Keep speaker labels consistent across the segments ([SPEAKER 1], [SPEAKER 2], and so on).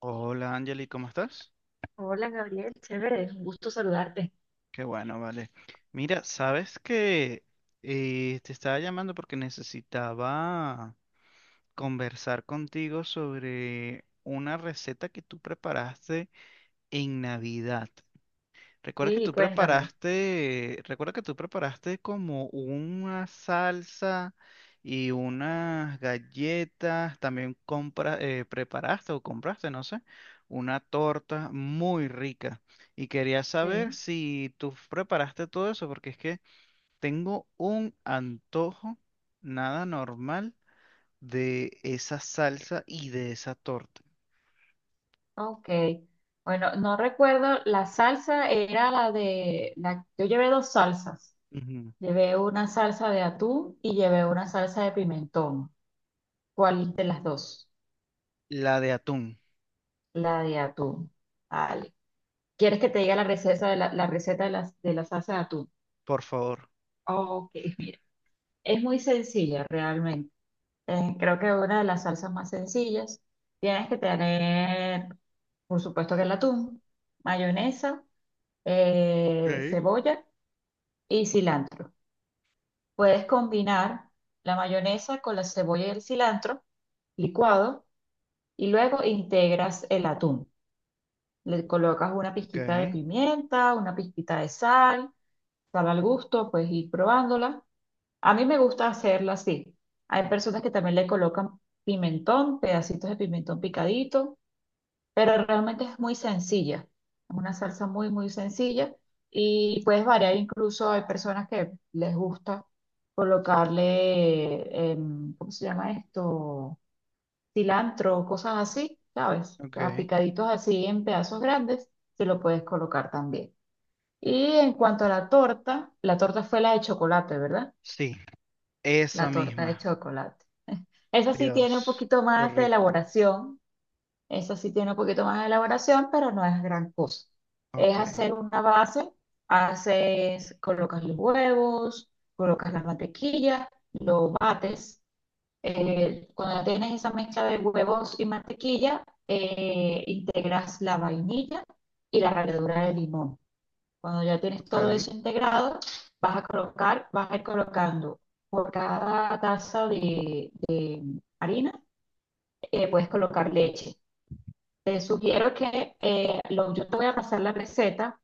[SPEAKER 1] Hola Angeli, ¿cómo estás?
[SPEAKER 2] Hola Gabriel, chévere, un gusto saludarte.
[SPEAKER 1] Qué bueno, vale. Mira, sabes que te estaba llamando porque necesitaba conversar contigo sobre una receta que tú preparaste en Navidad.
[SPEAKER 2] Sí, cuéntame.
[SPEAKER 1] Recuerda que tú preparaste como una salsa y unas galletas, también compra, preparaste o compraste, no sé, una torta muy rica. Y quería saber
[SPEAKER 2] Sí,
[SPEAKER 1] si tú preparaste todo eso, porque es que tengo un antojo nada normal de esa salsa y de esa torta.
[SPEAKER 2] ok. Bueno, no recuerdo, la salsa era la de, yo llevé dos salsas.
[SPEAKER 1] Ujú.
[SPEAKER 2] Llevé una salsa de atún y llevé una salsa de pimentón. ¿Cuál de las dos?
[SPEAKER 1] La de atún,
[SPEAKER 2] La de atún. Vale. ¿Quieres que te diga la receta de la, la receta de la salsa de atún?
[SPEAKER 1] por favor.
[SPEAKER 2] Ok, mira, es muy sencilla realmente. Es, creo que una de las salsas más sencillas. Tienes que tener, por supuesto que el atún, mayonesa,
[SPEAKER 1] Ok.
[SPEAKER 2] cebolla y cilantro. Puedes combinar la mayonesa con la cebolla y el cilantro licuado y luego integras el atún. Le colocas una
[SPEAKER 1] Ok,
[SPEAKER 2] pizquita de pimienta, una pizquita de sal, sal al gusto, puedes ir probándola. A mí me gusta hacerla así. Hay personas que también le colocan pimentón, pedacitos de pimentón picadito, pero realmente es muy sencilla. Es una salsa muy, muy sencilla y puedes variar. Incluso hay personas que les gusta colocarle, em, ¿cómo se llama esto? Cilantro, cosas así, ¿sabes? A
[SPEAKER 1] ok.
[SPEAKER 2] picaditos así en pedazos grandes, se lo puedes colocar también. Y en cuanto a la torta fue la de chocolate, ¿verdad?
[SPEAKER 1] Sí, esa
[SPEAKER 2] La torta de
[SPEAKER 1] misma.
[SPEAKER 2] chocolate. Esa sí tiene un
[SPEAKER 1] Dios,
[SPEAKER 2] poquito
[SPEAKER 1] qué
[SPEAKER 2] más de
[SPEAKER 1] rico.
[SPEAKER 2] elaboración. Eso sí tiene un poquito más de elaboración, pero no es gran cosa. Es
[SPEAKER 1] Ok,
[SPEAKER 2] hacer una base, haces, colocas los huevos, colocas la mantequilla, lo bates. Cuando tienes esa mezcla de huevos y mantequilla, integras la vainilla y la ralladura de limón. Cuando ya tienes todo
[SPEAKER 1] ok.
[SPEAKER 2] eso integrado, vas a colocar, vas a ir colocando por cada taza de harina, puedes colocar leche. Te sugiero que yo te voy a pasar la receta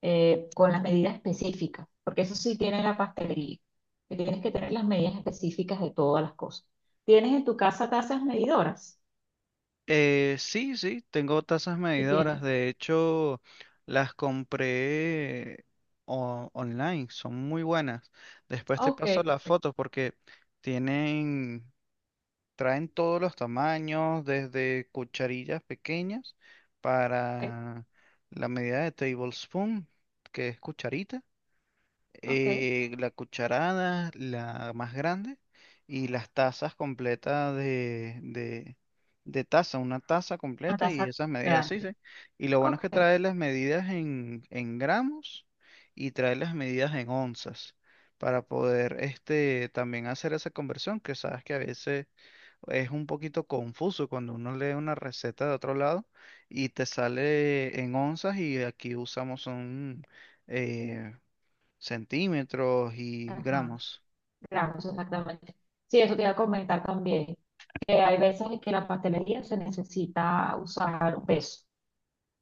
[SPEAKER 2] con las medidas específicas, porque eso sí tiene la pastelería, que tienes que tener las medidas específicas de todas las cosas. ¿Tienes en tu casa tazas medidoras?
[SPEAKER 1] Sí, sí, tengo tazas
[SPEAKER 2] Sí
[SPEAKER 1] medidoras.
[SPEAKER 2] tienes.
[SPEAKER 1] De hecho, las compré online. Son muy buenas. Después te
[SPEAKER 2] Ok,
[SPEAKER 1] paso las
[SPEAKER 2] perfecto.
[SPEAKER 1] fotos porque tienen, traen todos los tamaños, desde cucharillas pequeñas
[SPEAKER 2] Ok,
[SPEAKER 1] para la medida de tablespoon, que es cucharita.
[SPEAKER 2] ok.
[SPEAKER 1] La cucharada, la más grande, y las tazas completas de taza, una taza
[SPEAKER 2] Una
[SPEAKER 1] completa y
[SPEAKER 2] taza
[SPEAKER 1] esas medidas, sí,
[SPEAKER 2] grande.
[SPEAKER 1] sí. Y lo bueno es
[SPEAKER 2] Ok,
[SPEAKER 1] que trae las medidas en gramos y trae las medidas en onzas para poder este, también hacer esa conversión, que sabes que a veces es un poquito confuso cuando uno lee una receta de otro lado y te sale en onzas y aquí usamos un eh, centímetros y
[SPEAKER 2] ajá,
[SPEAKER 1] gramos.
[SPEAKER 2] gramos exactamente. Sí, eso te iba a comentar también, que hay veces en que la pastelería se necesita usar un peso.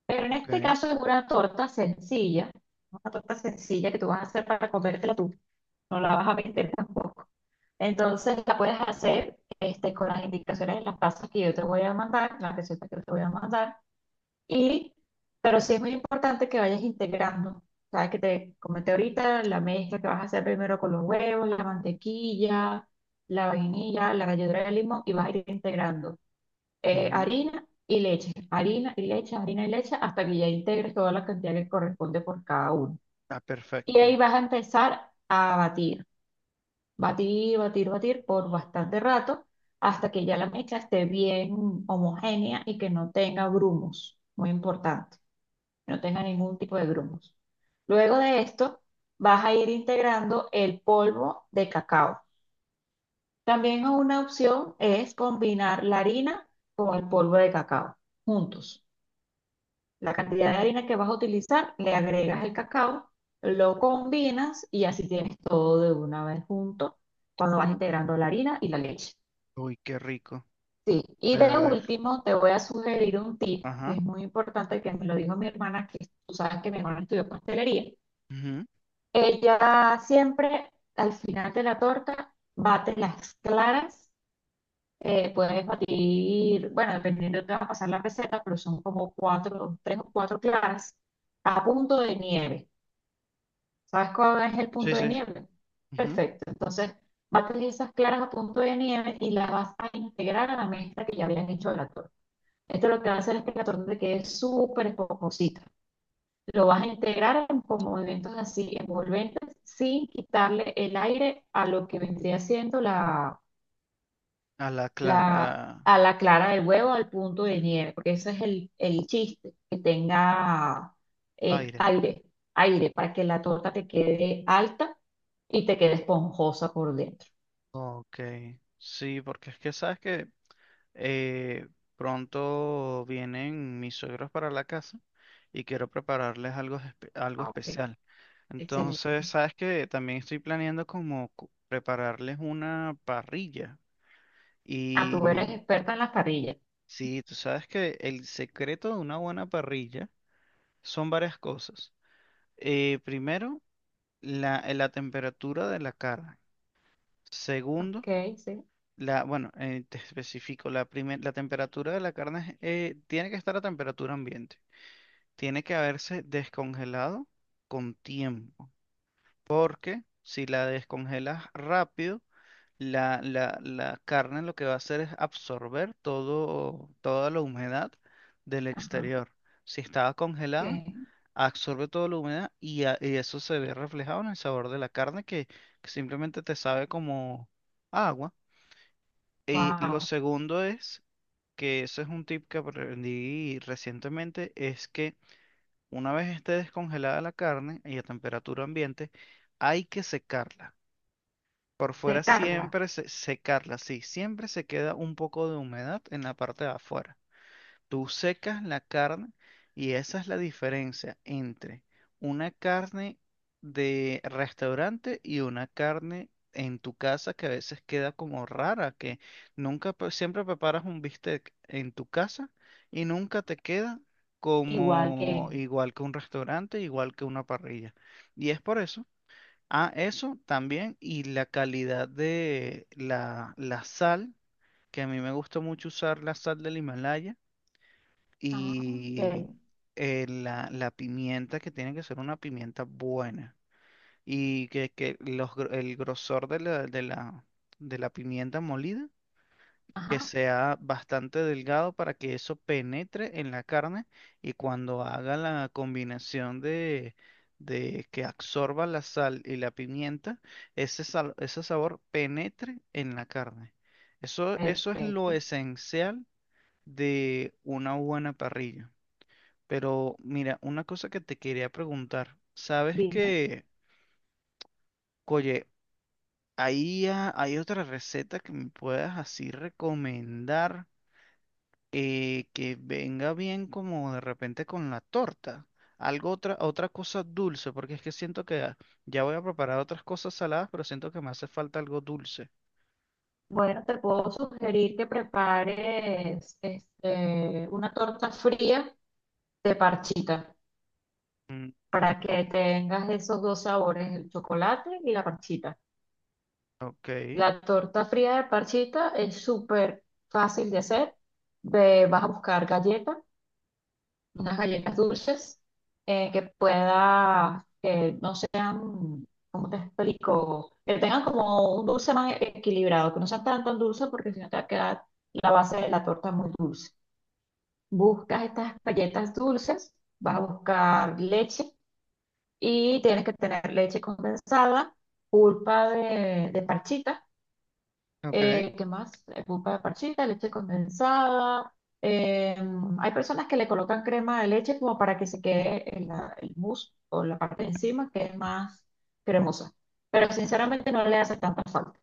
[SPEAKER 2] Pero en
[SPEAKER 1] Ok.
[SPEAKER 2] este caso es una torta sencilla que tú vas a hacer para comértela tú, no la vas a vender tampoco. Entonces la puedes hacer este, con las indicaciones de las tazas que yo te voy a mandar, las recetas que yo te voy a mandar, y, pero sí es muy importante que vayas integrando. Sabes que te comenté ahorita la mezcla que vas a hacer primero con los huevos, la mantequilla, la vainilla, la ralladura de limón y vas a ir integrando
[SPEAKER 1] Ujú.
[SPEAKER 2] harina y leche, harina y leche, harina y leche, hasta que ya integres toda la cantidad que corresponde por cada uno.
[SPEAKER 1] Ah,
[SPEAKER 2] Y ahí
[SPEAKER 1] perfecto.
[SPEAKER 2] vas a empezar a batir, batir, batir, batir por bastante rato, hasta que ya la mezcla esté bien homogénea y que no tenga grumos, muy importante, no tenga ningún tipo de grumos. Luego de esto, vas a ir integrando el polvo de cacao. También una opción es combinar la harina con el polvo de cacao juntos. La cantidad de harina que vas a utilizar, le agregas el cacao, lo combinas y así tienes todo de una vez junto cuando vas integrando la harina y la leche.
[SPEAKER 1] Uy, qué rico.
[SPEAKER 2] Sí, y
[SPEAKER 1] De
[SPEAKER 2] de
[SPEAKER 1] verdad.
[SPEAKER 2] último te voy a sugerir un tip que
[SPEAKER 1] Ajá.
[SPEAKER 2] es muy importante, que me lo dijo mi hermana, que tú sabes que mi hermana estudió pastelería.
[SPEAKER 1] Ujú.
[SPEAKER 2] Ella siempre al final de la torta bate las claras, puedes batir, bueno, dependiendo de te va a pasar la receta, pero son como cuatro, tres o cuatro claras a punto de nieve. ¿Sabes cuál es el
[SPEAKER 1] Sí,
[SPEAKER 2] punto de
[SPEAKER 1] sí.
[SPEAKER 2] nieve?
[SPEAKER 1] Ujú.
[SPEAKER 2] Perfecto. Entonces, bates esas claras a punto de nieve y las vas a integrar a la mezcla que ya habían hecho de la torta. Esto lo que va a hacer es que la torta te quede súper esponjosita. Lo vas a integrar con movimientos así envolventes sin quitarle el aire a lo que vendría siendo
[SPEAKER 1] A la clara.
[SPEAKER 2] a la clara del huevo al punto de nieve, porque ese es el chiste, que tenga
[SPEAKER 1] Aire.
[SPEAKER 2] aire, aire para que la torta te quede alta y te quede esponjosa por dentro.
[SPEAKER 1] Ok. Sí, porque es que sabes que eh, pronto vienen mis suegros para la casa y quiero prepararles algo, algo
[SPEAKER 2] Ah, ok,
[SPEAKER 1] especial. Entonces,
[SPEAKER 2] excelente.
[SPEAKER 1] sabes que también estoy planeando como prepararles una parrilla.
[SPEAKER 2] Ah, tú eres
[SPEAKER 1] Y
[SPEAKER 2] experta en las parrillas.
[SPEAKER 1] sí, tú sabes que el secreto de una buena parrilla son varias cosas. Primero, la temperatura de la carne. Segundo,
[SPEAKER 2] Ok, sí.
[SPEAKER 1] la, bueno, te especifico, la temperatura de la carne tiene que estar a temperatura ambiente. Tiene que haberse descongelado con tiempo. Porque si la descongelas rápido, la carne lo que va a hacer es absorber todo, toda la humedad del
[SPEAKER 2] Ajá,
[SPEAKER 1] exterior. Si estaba
[SPEAKER 2] ok.
[SPEAKER 1] congelada, absorbe toda la humedad y, y eso se ve reflejado en el sabor de la carne que simplemente te sabe como agua. Y lo
[SPEAKER 2] Wow.
[SPEAKER 1] segundo es, que eso es un tip que aprendí recientemente, es que una vez esté descongelada la carne y a temperatura ambiente, hay que secarla. Por
[SPEAKER 2] Sí,
[SPEAKER 1] fuera
[SPEAKER 2] Carla,
[SPEAKER 1] siempre secarla, sí, siempre se queda un poco de humedad en la parte de afuera. Tú secas la carne y esa es la diferencia entre una carne de restaurante y una carne en tu casa que a veces queda como rara, que nunca, siempre preparas un bistec en tu casa y nunca te queda
[SPEAKER 2] igual
[SPEAKER 1] como
[SPEAKER 2] que...
[SPEAKER 1] igual que un restaurante, igual que una parrilla. Y es por eso. Ah, eso también y la calidad de la sal, que a mí me gusta mucho usar la sal del Himalaya
[SPEAKER 2] Ah,
[SPEAKER 1] y
[SPEAKER 2] ok.
[SPEAKER 1] la pimienta que tiene que ser una pimienta buena y que los el grosor de de la pimienta molida que
[SPEAKER 2] Ajá,
[SPEAKER 1] sea bastante delgado para que eso penetre en la carne y cuando haga la combinación de que absorba la sal y la pimienta, ese, ese sabor penetre en la carne. Eso es lo
[SPEAKER 2] perfecto.
[SPEAKER 1] esencial de una buena parrilla. Pero mira, una cosa que te quería preguntar. ¿Sabes
[SPEAKER 2] Dime.
[SPEAKER 1] que, oye, ahí hay otra receta que me puedas así recomendar que venga bien como de repente con la torta? Algo otra, otra cosa dulce, porque es que siento que ya voy a preparar otras cosas saladas, pero siento que me hace falta algo dulce.
[SPEAKER 2] Bueno, te puedo sugerir que prepares este, una torta fría de parchita
[SPEAKER 1] Mm,
[SPEAKER 2] para que tengas esos dos sabores, el chocolate y la parchita.
[SPEAKER 1] ok,
[SPEAKER 2] La torta fría de parchita es súper fácil de hacer. Vas a buscar galletas, unas galletas dulces que puedas, que no sean, ¿cómo te explico? Que tengan como un dulce más equilibrado, que no sean tan tan dulces porque si no te va a quedar la base de la torta muy dulce. Buscas estas galletas dulces, vas a buscar leche y tienes que tener leche condensada, pulpa de parchita,
[SPEAKER 1] ok,
[SPEAKER 2] ¿qué más? Pulpa de parchita, leche condensada. eh, Hay personas que le colocan crema de leche como para que se quede el mousse o la parte de encima que es más cremosa, pero sinceramente no le hace tanta falta.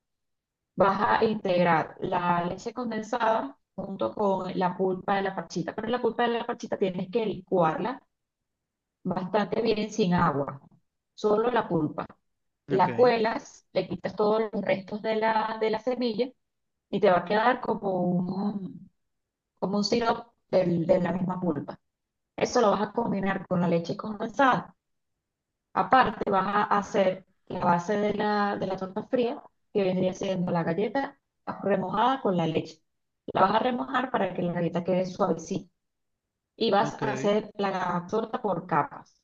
[SPEAKER 2] Vas a integrar la leche condensada junto con la pulpa de la parchita, pero la pulpa de la parchita tienes que licuarla bastante bien sin agua, solo la pulpa.
[SPEAKER 1] ok,
[SPEAKER 2] La cuelas, le quitas todos los restos de la semilla y te va a quedar como un sirope de la misma pulpa. Eso lo vas a combinar con la leche condensada. Aparte, vas a hacer la base de la torta fría, que vendría siendo la galleta remojada con la leche. La vas a remojar para que la galleta quede suavecita. Y vas
[SPEAKER 1] ok,
[SPEAKER 2] a hacer la torta por capas.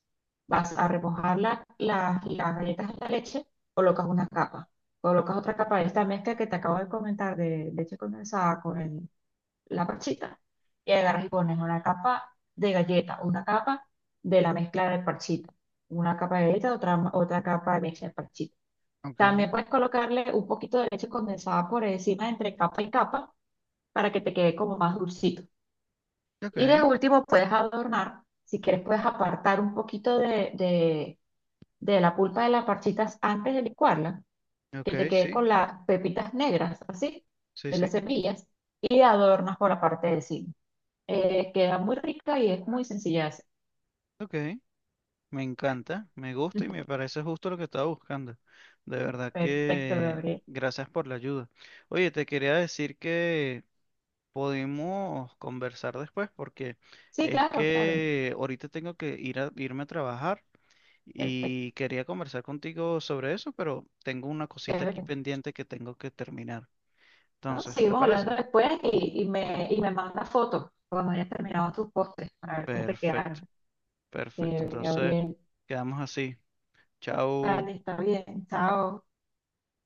[SPEAKER 2] Vas a remojar las galletas en la leche, colocas una capa. Colocas otra capa de esta mezcla que te acabo de comentar de leche condensada con el la parchita. Y agarras y pones una capa de galleta, una capa de la mezcla de parchita, una capa de galleta, otra, otra capa de mezcla de parchita. También
[SPEAKER 1] ok,
[SPEAKER 2] puedes colocarle un poquito de leche condensada por encima entre capa y capa para que te quede como más dulcito. Y de
[SPEAKER 1] ok,
[SPEAKER 2] último puedes adornar, si quieres puedes apartar un poquito de la pulpa de las parchitas antes de licuarla, que te
[SPEAKER 1] ok,
[SPEAKER 2] quede
[SPEAKER 1] sí,
[SPEAKER 2] con las pepitas negras, así,
[SPEAKER 1] sí,
[SPEAKER 2] de las
[SPEAKER 1] sí,
[SPEAKER 2] semillas, y adornas por la parte de encima. Queda muy rica y es muy sencilla de hacer.
[SPEAKER 1] ok. Me
[SPEAKER 2] Bueno,
[SPEAKER 1] encanta, me gusta y me parece justo lo que estaba buscando. De verdad
[SPEAKER 2] perfecto,
[SPEAKER 1] que
[SPEAKER 2] Gabriel.
[SPEAKER 1] gracias por la ayuda. Oye, te quería decir que podemos conversar después porque
[SPEAKER 2] Sí,
[SPEAKER 1] es
[SPEAKER 2] claro, claro.
[SPEAKER 1] que ahorita tengo que ir a, irme a trabajar
[SPEAKER 2] Perfecto.
[SPEAKER 1] y quería conversar contigo sobre eso, pero tengo una cosita aquí
[SPEAKER 2] Chévere.
[SPEAKER 1] pendiente que tengo que terminar.
[SPEAKER 2] No,
[SPEAKER 1] Entonces, ¿te
[SPEAKER 2] seguimos hablando
[SPEAKER 1] parece?
[SPEAKER 2] después y me manda fotos cuando hayas terminado tus postres para ver cómo te
[SPEAKER 1] Perfecto,
[SPEAKER 2] quedaron.
[SPEAKER 1] perfecto.
[SPEAKER 2] Chévere,
[SPEAKER 1] Entonces,
[SPEAKER 2] Gabriel.
[SPEAKER 1] quedamos así. Chao.
[SPEAKER 2] Vale, está bien. Chao.